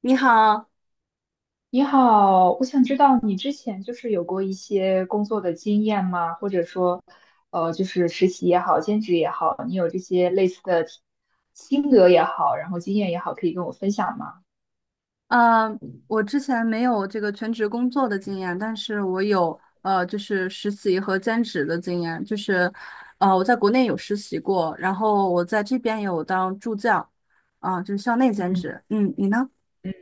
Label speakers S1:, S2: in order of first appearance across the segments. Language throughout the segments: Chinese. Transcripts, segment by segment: S1: 你好。
S2: 你好，我想知道你之前就是有过一些工作的经验吗？或者说，就是实习也好，兼职也好，你有这些类似的体心得也好，然后经验也好，可以跟我分享吗？
S1: 呃，我之前没有这个全职工作的经验，但是我有就是实习和兼职的经验。我在国内有实习过，然后我在这边有当助教，啊、就是校内兼
S2: 嗯，
S1: 职。嗯，你呢？
S2: 嗯。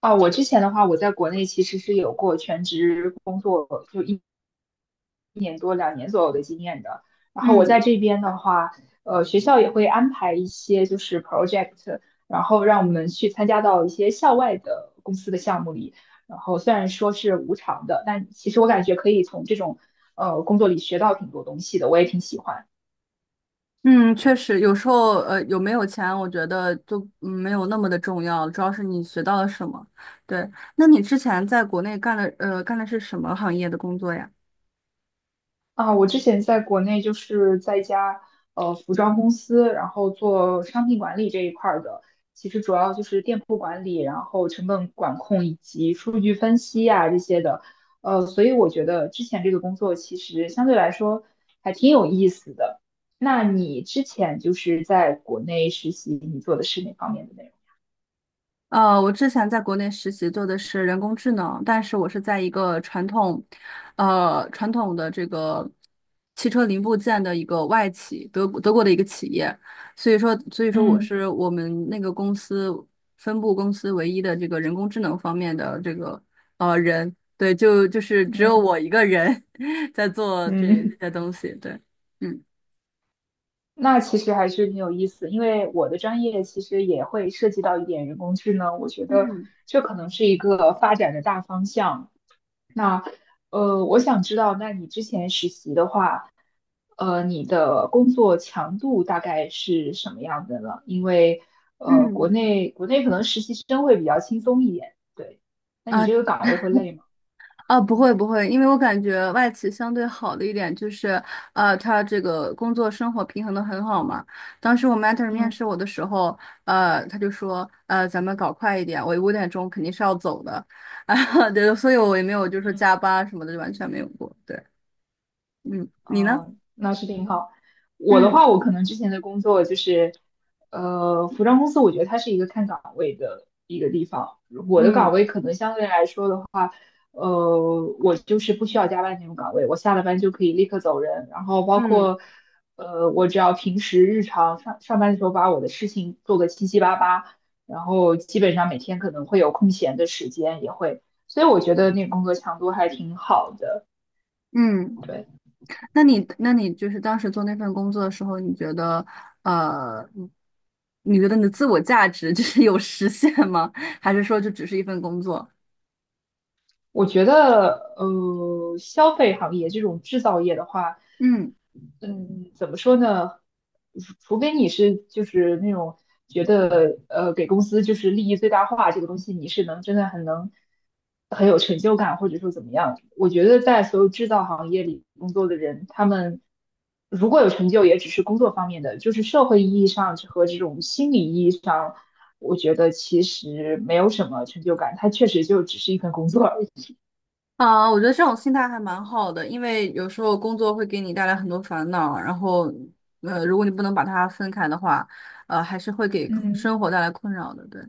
S2: 啊，我之前的话，我在国内其实是有过全职工作。有两年左右的经验的。然后我
S1: 嗯
S2: 在这边的话，学校也会安排一些就是 project，然后让我们去参加到一些校外的公司的项目里。然后虽然说是无偿的，但其实我感觉可以从这种工作里学到挺多东西的，我也挺喜欢。
S1: 嗯，确实。有时候有没有钱，我觉得就没有那么的重要，主要是你学到了什么。对。那你之前在国内干的是什么行业的工作呀？
S2: 啊，我之前在国内就是在一家服装公司，然后做商品管理这一块儿的，其实主要就是店铺管理，然后成本管控以及数据分析啊这些的。所以我觉得之前这个工作其实相对来说还挺有意思的。那你之前就是在国内实习，你做的是哪方面的内容？
S1: 呃，我之前在国内实习做的是人工智能，但是我是在一个传统，呃，传统的这个汽车零部件的一个外企，德国的一个企业。所以说我
S2: 嗯
S1: 是我们那个公司分部公司唯一的这个人工智能方面的这个人，对，就是只有
S2: 嗯。
S1: 我一个人 在做这这
S2: 嗯
S1: 些东西，对。嗯，
S2: 那其实还是挺有意思，因为我的专业其实也会涉及到一点人工智能，我觉得
S1: 嗯
S2: 这可能是一个发展的大方向。那我想知道，那你之前实习的话，你的工作强度大概是什么样的呢？因为国
S1: 嗯，
S2: 内国内可能实习生会比较轻松一点，对。那你
S1: 啊。
S2: 这个岗位会累吗？
S1: 啊，不会不会，因为我感觉外企相对好的一点就是，呃，他这个工作生活平衡的很好嘛。当时我 mentor 面试
S2: 嗯
S1: 我的时候，他就说，呃，咱们搞快一点，我五点钟肯定是要走的。啊，对，所以我也没有就是说
S2: 嗯。
S1: 加班什么的，就完全没有过。对。嗯，你呢？
S2: 哦，那是挺好。我的
S1: 嗯。
S2: 话，我可能之前的工作就是，服装公司，我觉得它是一个看岗位的一个地方。我的岗
S1: 嗯
S2: 位可能相对来说的话，我就是不需要加班那种岗位，我下了班就可以立刻走人。然后包
S1: 嗯。
S2: 括，我只要平时日常上上班的时候把我的事情做个七七八八，然后基本上每天可能会有空闲的时间，也会，所以我觉得那个工作强度还挺好的。
S1: 嗯。
S2: 对。
S1: 那你就是当时做那份工作的时候，你觉得呃，你觉得你的自我价值就是有实现吗？还是说就只是一份工作？
S2: 我觉得，消费行业这种制造业的话，
S1: 嗯
S2: 嗯，怎么说呢？除非你是就是那种觉得，给公司就是利益最大化这个东西，你是能真的很能很有成就感，或者说怎么样？我觉得在所有制造行业里工作的人，他们如果有成就，也只是工作方面的，就是社会意义上和这种心理意义上，我觉得其实没有什么成就感，它确实就只是一份工作而已。
S1: 啊，我觉得这种心态还蛮好的，因为有时候工作会给你带来很多烦恼，然后，如果你不能把它分开的话，呃，还是会给
S2: 嗯。
S1: 生活带来困扰的，对。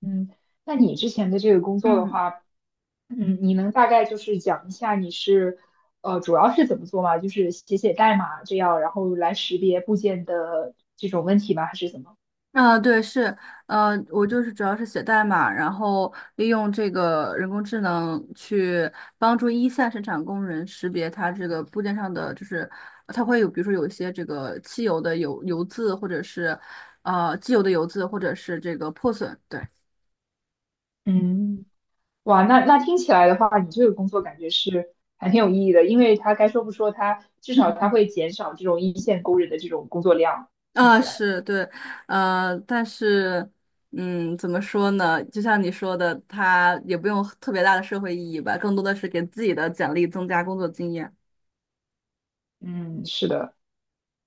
S2: 嗯，那你之前的这个工作的
S1: 嗯。
S2: 话，你能大概就是讲一下你是，主要是怎么做吗？就是写写代码这样，然后来识别部件的这种问题吗？还是怎么？
S1: 啊，对，是，呃，我就是主要是写代码，然后利用这个人工智能去帮助一线生产工人识别它这个部件上的，就是它会有，比如说有一些这个汽油的油渍，或者是机油的油渍，或者是这个破损，对。
S2: 嗯，哇，那听起来的话，你这个工作感觉是还挺有意义的，因为它该说不说，它至少它会减少这种一线工人的这种工作量。听
S1: 啊，
S2: 起来，
S1: 是对，呃，但是，嗯，怎么说呢？就像你说的，它也不用特别大的社会意义吧，更多的是给自己的简历增加工作经验。
S2: 嗯，是的。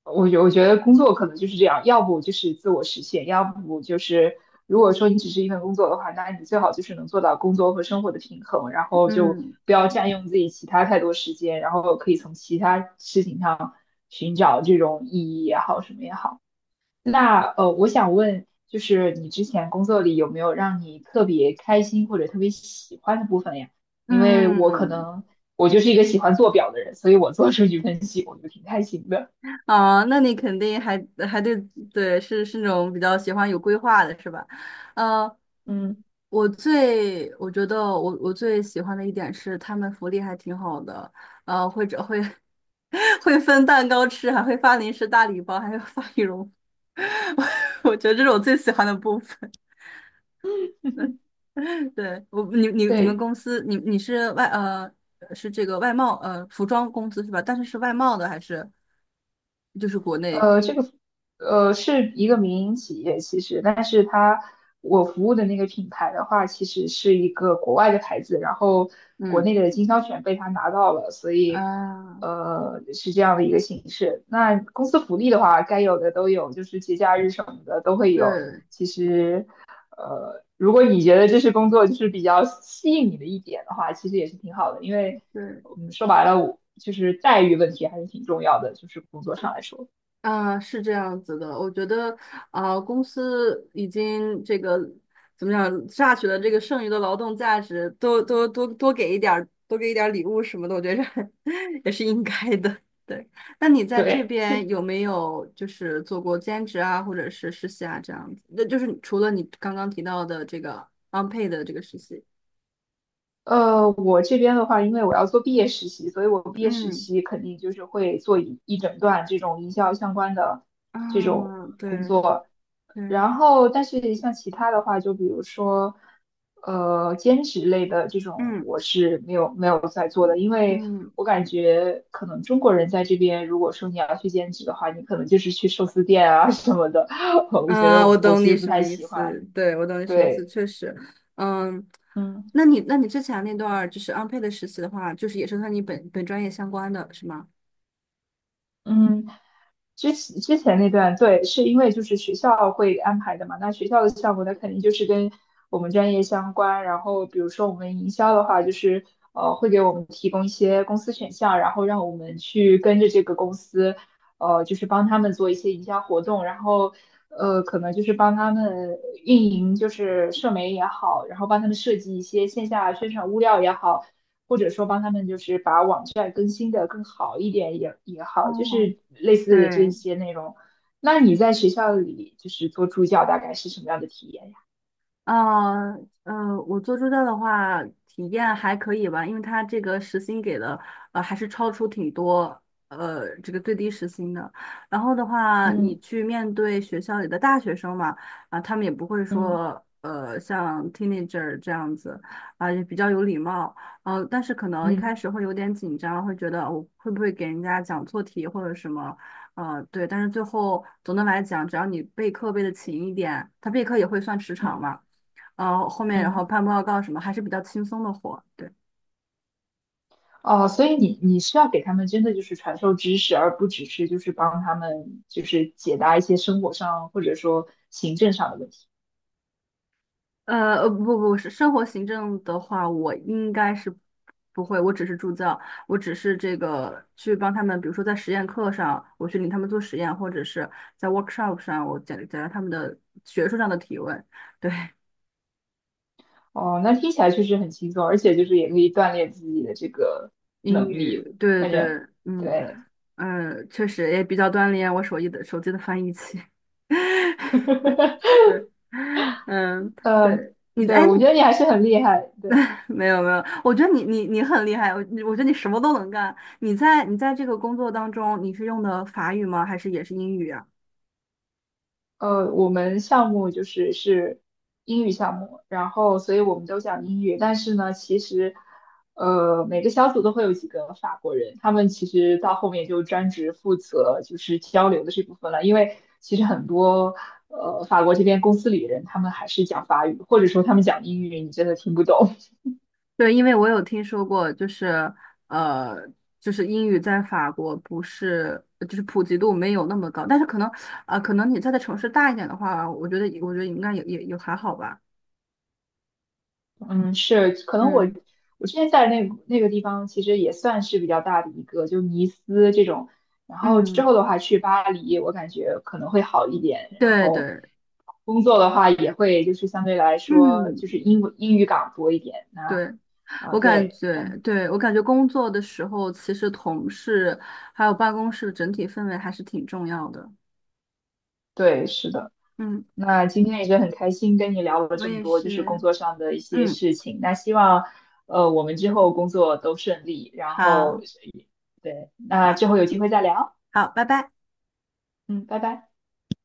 S2: 我觉得工作可能就是这样，要不就是自我实现，要不就是如果说你只是一份工作的话，那你最好就是能做到工作和生活的平衡，然后就
S1: 嗯。
S2: 不要占用自己其他太多时间，然后可以从其他事情上寻找这种意义也好，什么也好。那我想问，就是你之前工作里有没有让你特别开心或者特别喜欢的部分呀？因为我可
S1: 嗯，
S2: 能我就是一个喜欢做表的人，所以我做数据分析我就挺开心的，
S1: 啊，那你肯定还还，对对，是是那种比较喜欢有规划的，是吧？呃，
S2: 嗯。
S1: 我觉得我最喜欢的一点是他们福利还挺好的，呃，或者会 会分蛋糕吃，还会发零食大礼包，还有发羽绒服 我觉得这是我最喜欢的部分。对，我你们
S2: 对，
S1: 公司你是外呃是这个外贸呃服装公司是吧？但是是外贸的还是就是国内？
S2: 这个是一个民营企业，其实，但是它我服务的那个品牌的话，其实是一个国外的牌子，然后国
S1: 嗯。
S2: 内的经销权被他拿到了，所以
S1: 啊，
S2: 是这样的一个形式。那公司福利的话，该有的都有，就是节假日什么的都会有。
S1: 对
S2: 其实，如果你觉得这是工作就是比较吸引你的一点的话，其实也是挺好的，因为
S1: 对。
S2: 说白了，我就是待遇问题还是挺重要的，就是工作上来说。
S1: 啊，是这样子的。我觉得啊，公司已经这个怎么讲，榨取了这个剩余的劳动价值，多给一点儿，多给一点儿礼物什么的，我觉着 也是应该的。对。那你在这
S2: 对，
S1: 边有没有就是做过兼职啊，或者是实习啊这样子？那就是除了你刚刚提到的这个 unpaid 的这个实习。
S2: 我这边的话，因为我要做毕业实习，所以我毕业实
S1: 嗯，
S2: 习肯定就是会做一整段这种营销相关的这种，
S1: 啊，对对。
S2: 然后但是像其他的话，就比如说，兼职类的这种，
S1: 嗯
S2: 我是没有在做的，因为
S1: 嗯。
S2: 我感觉可能中国人在这边，如果说你要去兼职的话，你可能就是去寿司店啊 什么的，我觉得
S1: 啊，我
S2: 我
S1: 懂
S2: 其实
S1: 你
S2: 不
S1: 什
S2: 太
S1: 么意
S2: 喜
S1: 思，
S2: 欢。
S1: 对，我懂你什么意思，
S2: 对，
S1: 确实。嗯，
S2: 嗯
S1: 那你之前那段儿就是 unpaid 的实习的话，就是也是和你本专业相关的，是吗？
S2: 嗯。之前那段，对，是因为就是学校会安排的嘛。那学校的项目，那肯定就是跟我们专业相关。然后，比如说我们营销的话，就是会给我们提供一些公司选项，然后让我们去跟着这个公司，就是帮他们做一些营销活动，然后可能就是帮他们运营，就是社媒也好，然后帮他们设计一些线下宣传物料也好。或者说帮他们就是把网站更新的更好一点也好，就
S1: 哦，
S2: 是类似的这
S1: 对。
S2: 些内容。那你在学校里就是做助教，大概是什么样的体验呀？
S1: 啊，呃，我做助教的话，体验还可以吧，因为他这个时薪给的，呃，还是超出挺多，呃，这个最低时薪的。然后的话，你
S2: 嗯
S1: 去面对学校里的大学生嘛，啊、他们也不会
S2: 嗯
S1: 说，呃，像 teenager 这样子，啊、也比较有礼貌。呃，但是可能一开
S2: 嗯
S1: 始会有点紧张，会觉得我会不会给人家讲错题或者什么。呃，对，但是最后总的来讲，只要你备课备的勤一点，他备课也会算时长
S2: 嗯
S1: 嘛，后面然
S2: 嗯。
S1: 后判报告什么还是比较轻松的活，对。
S2: 哦，所以你是要给他们真的就是传授知识，而不只是就是帮他们就是解答一些生活上或者说行政上的问题。
S1: 呃，不不是生活行政的话，我应该是不会，我只是助教，我只是这个去帮他们，比如说在实验课上，我去领他们做实验，或者是在 workshop 上，我解答他们的学术上的提问，对。
S2: 哦，那听起来确实很轻松，而且就是也可以锻炼自己的这个
S1: 英
S2: 能力，
S1: 语，对
S2: 感
S1: 对。
S2: 觉
S1: 嗯，
S2: 对。
S1: 嗯，确实也比较锻炼我手艺的手机的翻译器。嗯，
S2: 呃，
S1: 对，你在，
S2: 对，
S1: 哎。
S2: 我觉得你还是很厉害。对，
S1: 没有没有，我觉得你很厉害，我觉得你什么都能干。你在这个工作当中，你是用的法语吗？还是也是英语啊？
S2: 我们项目是英语项目，然后所以我们都讲英语，但是呢，其实每个小组都会有几个法国人，他们其实到后面就专职负责就是交流的这部分了，因为其实很多法国这边公司里的人他们还是讲法语，或者说他们讲英语，你真的听不懂。
S1: 对，因为我有听说过，就是呃，就是英语在法国不是就是普及度没有那么高，但是可能可能你在的城市大一点的话，我觉得应该也还好吧。
S2: 嗯，是，可能我
S1: 嗯，
S2: 我之前在那个地方，其实也算是比较大的一个，就尼斯这种。然后之
S1: 嗯，
S2: 后的话去巴黎，我感觉可能会好一点。然
S1: 对
S2: 后
S1: 对，
S2: 工作的话，也会就是相对来说
S1: 嗯
S2: 就是英语岗多一点。那
S1: 对。
S2: 啊，
S1: 我感
S2: 对
S1: 觉，对，我感觉工作的时候，其实同事还有办公室的整体氛围还是挺重要的。
S2: 对，是的。
S1: 嗯，嗯，
S2: 那今天也是很开心跟你聊了
S1: 我
S2: 这么
S1: 也
S2: 多，就是工
S1: 是。
S2: 作上的一些
S1: 嗯，
S2: 事情。那希望我们之后工作都顺利。然后
S1: 好，
S2: 对，那
S1: 好，
S2: 之后有机会再聊。
S1: 好，拜拜。
S2: 嗯，拜拜。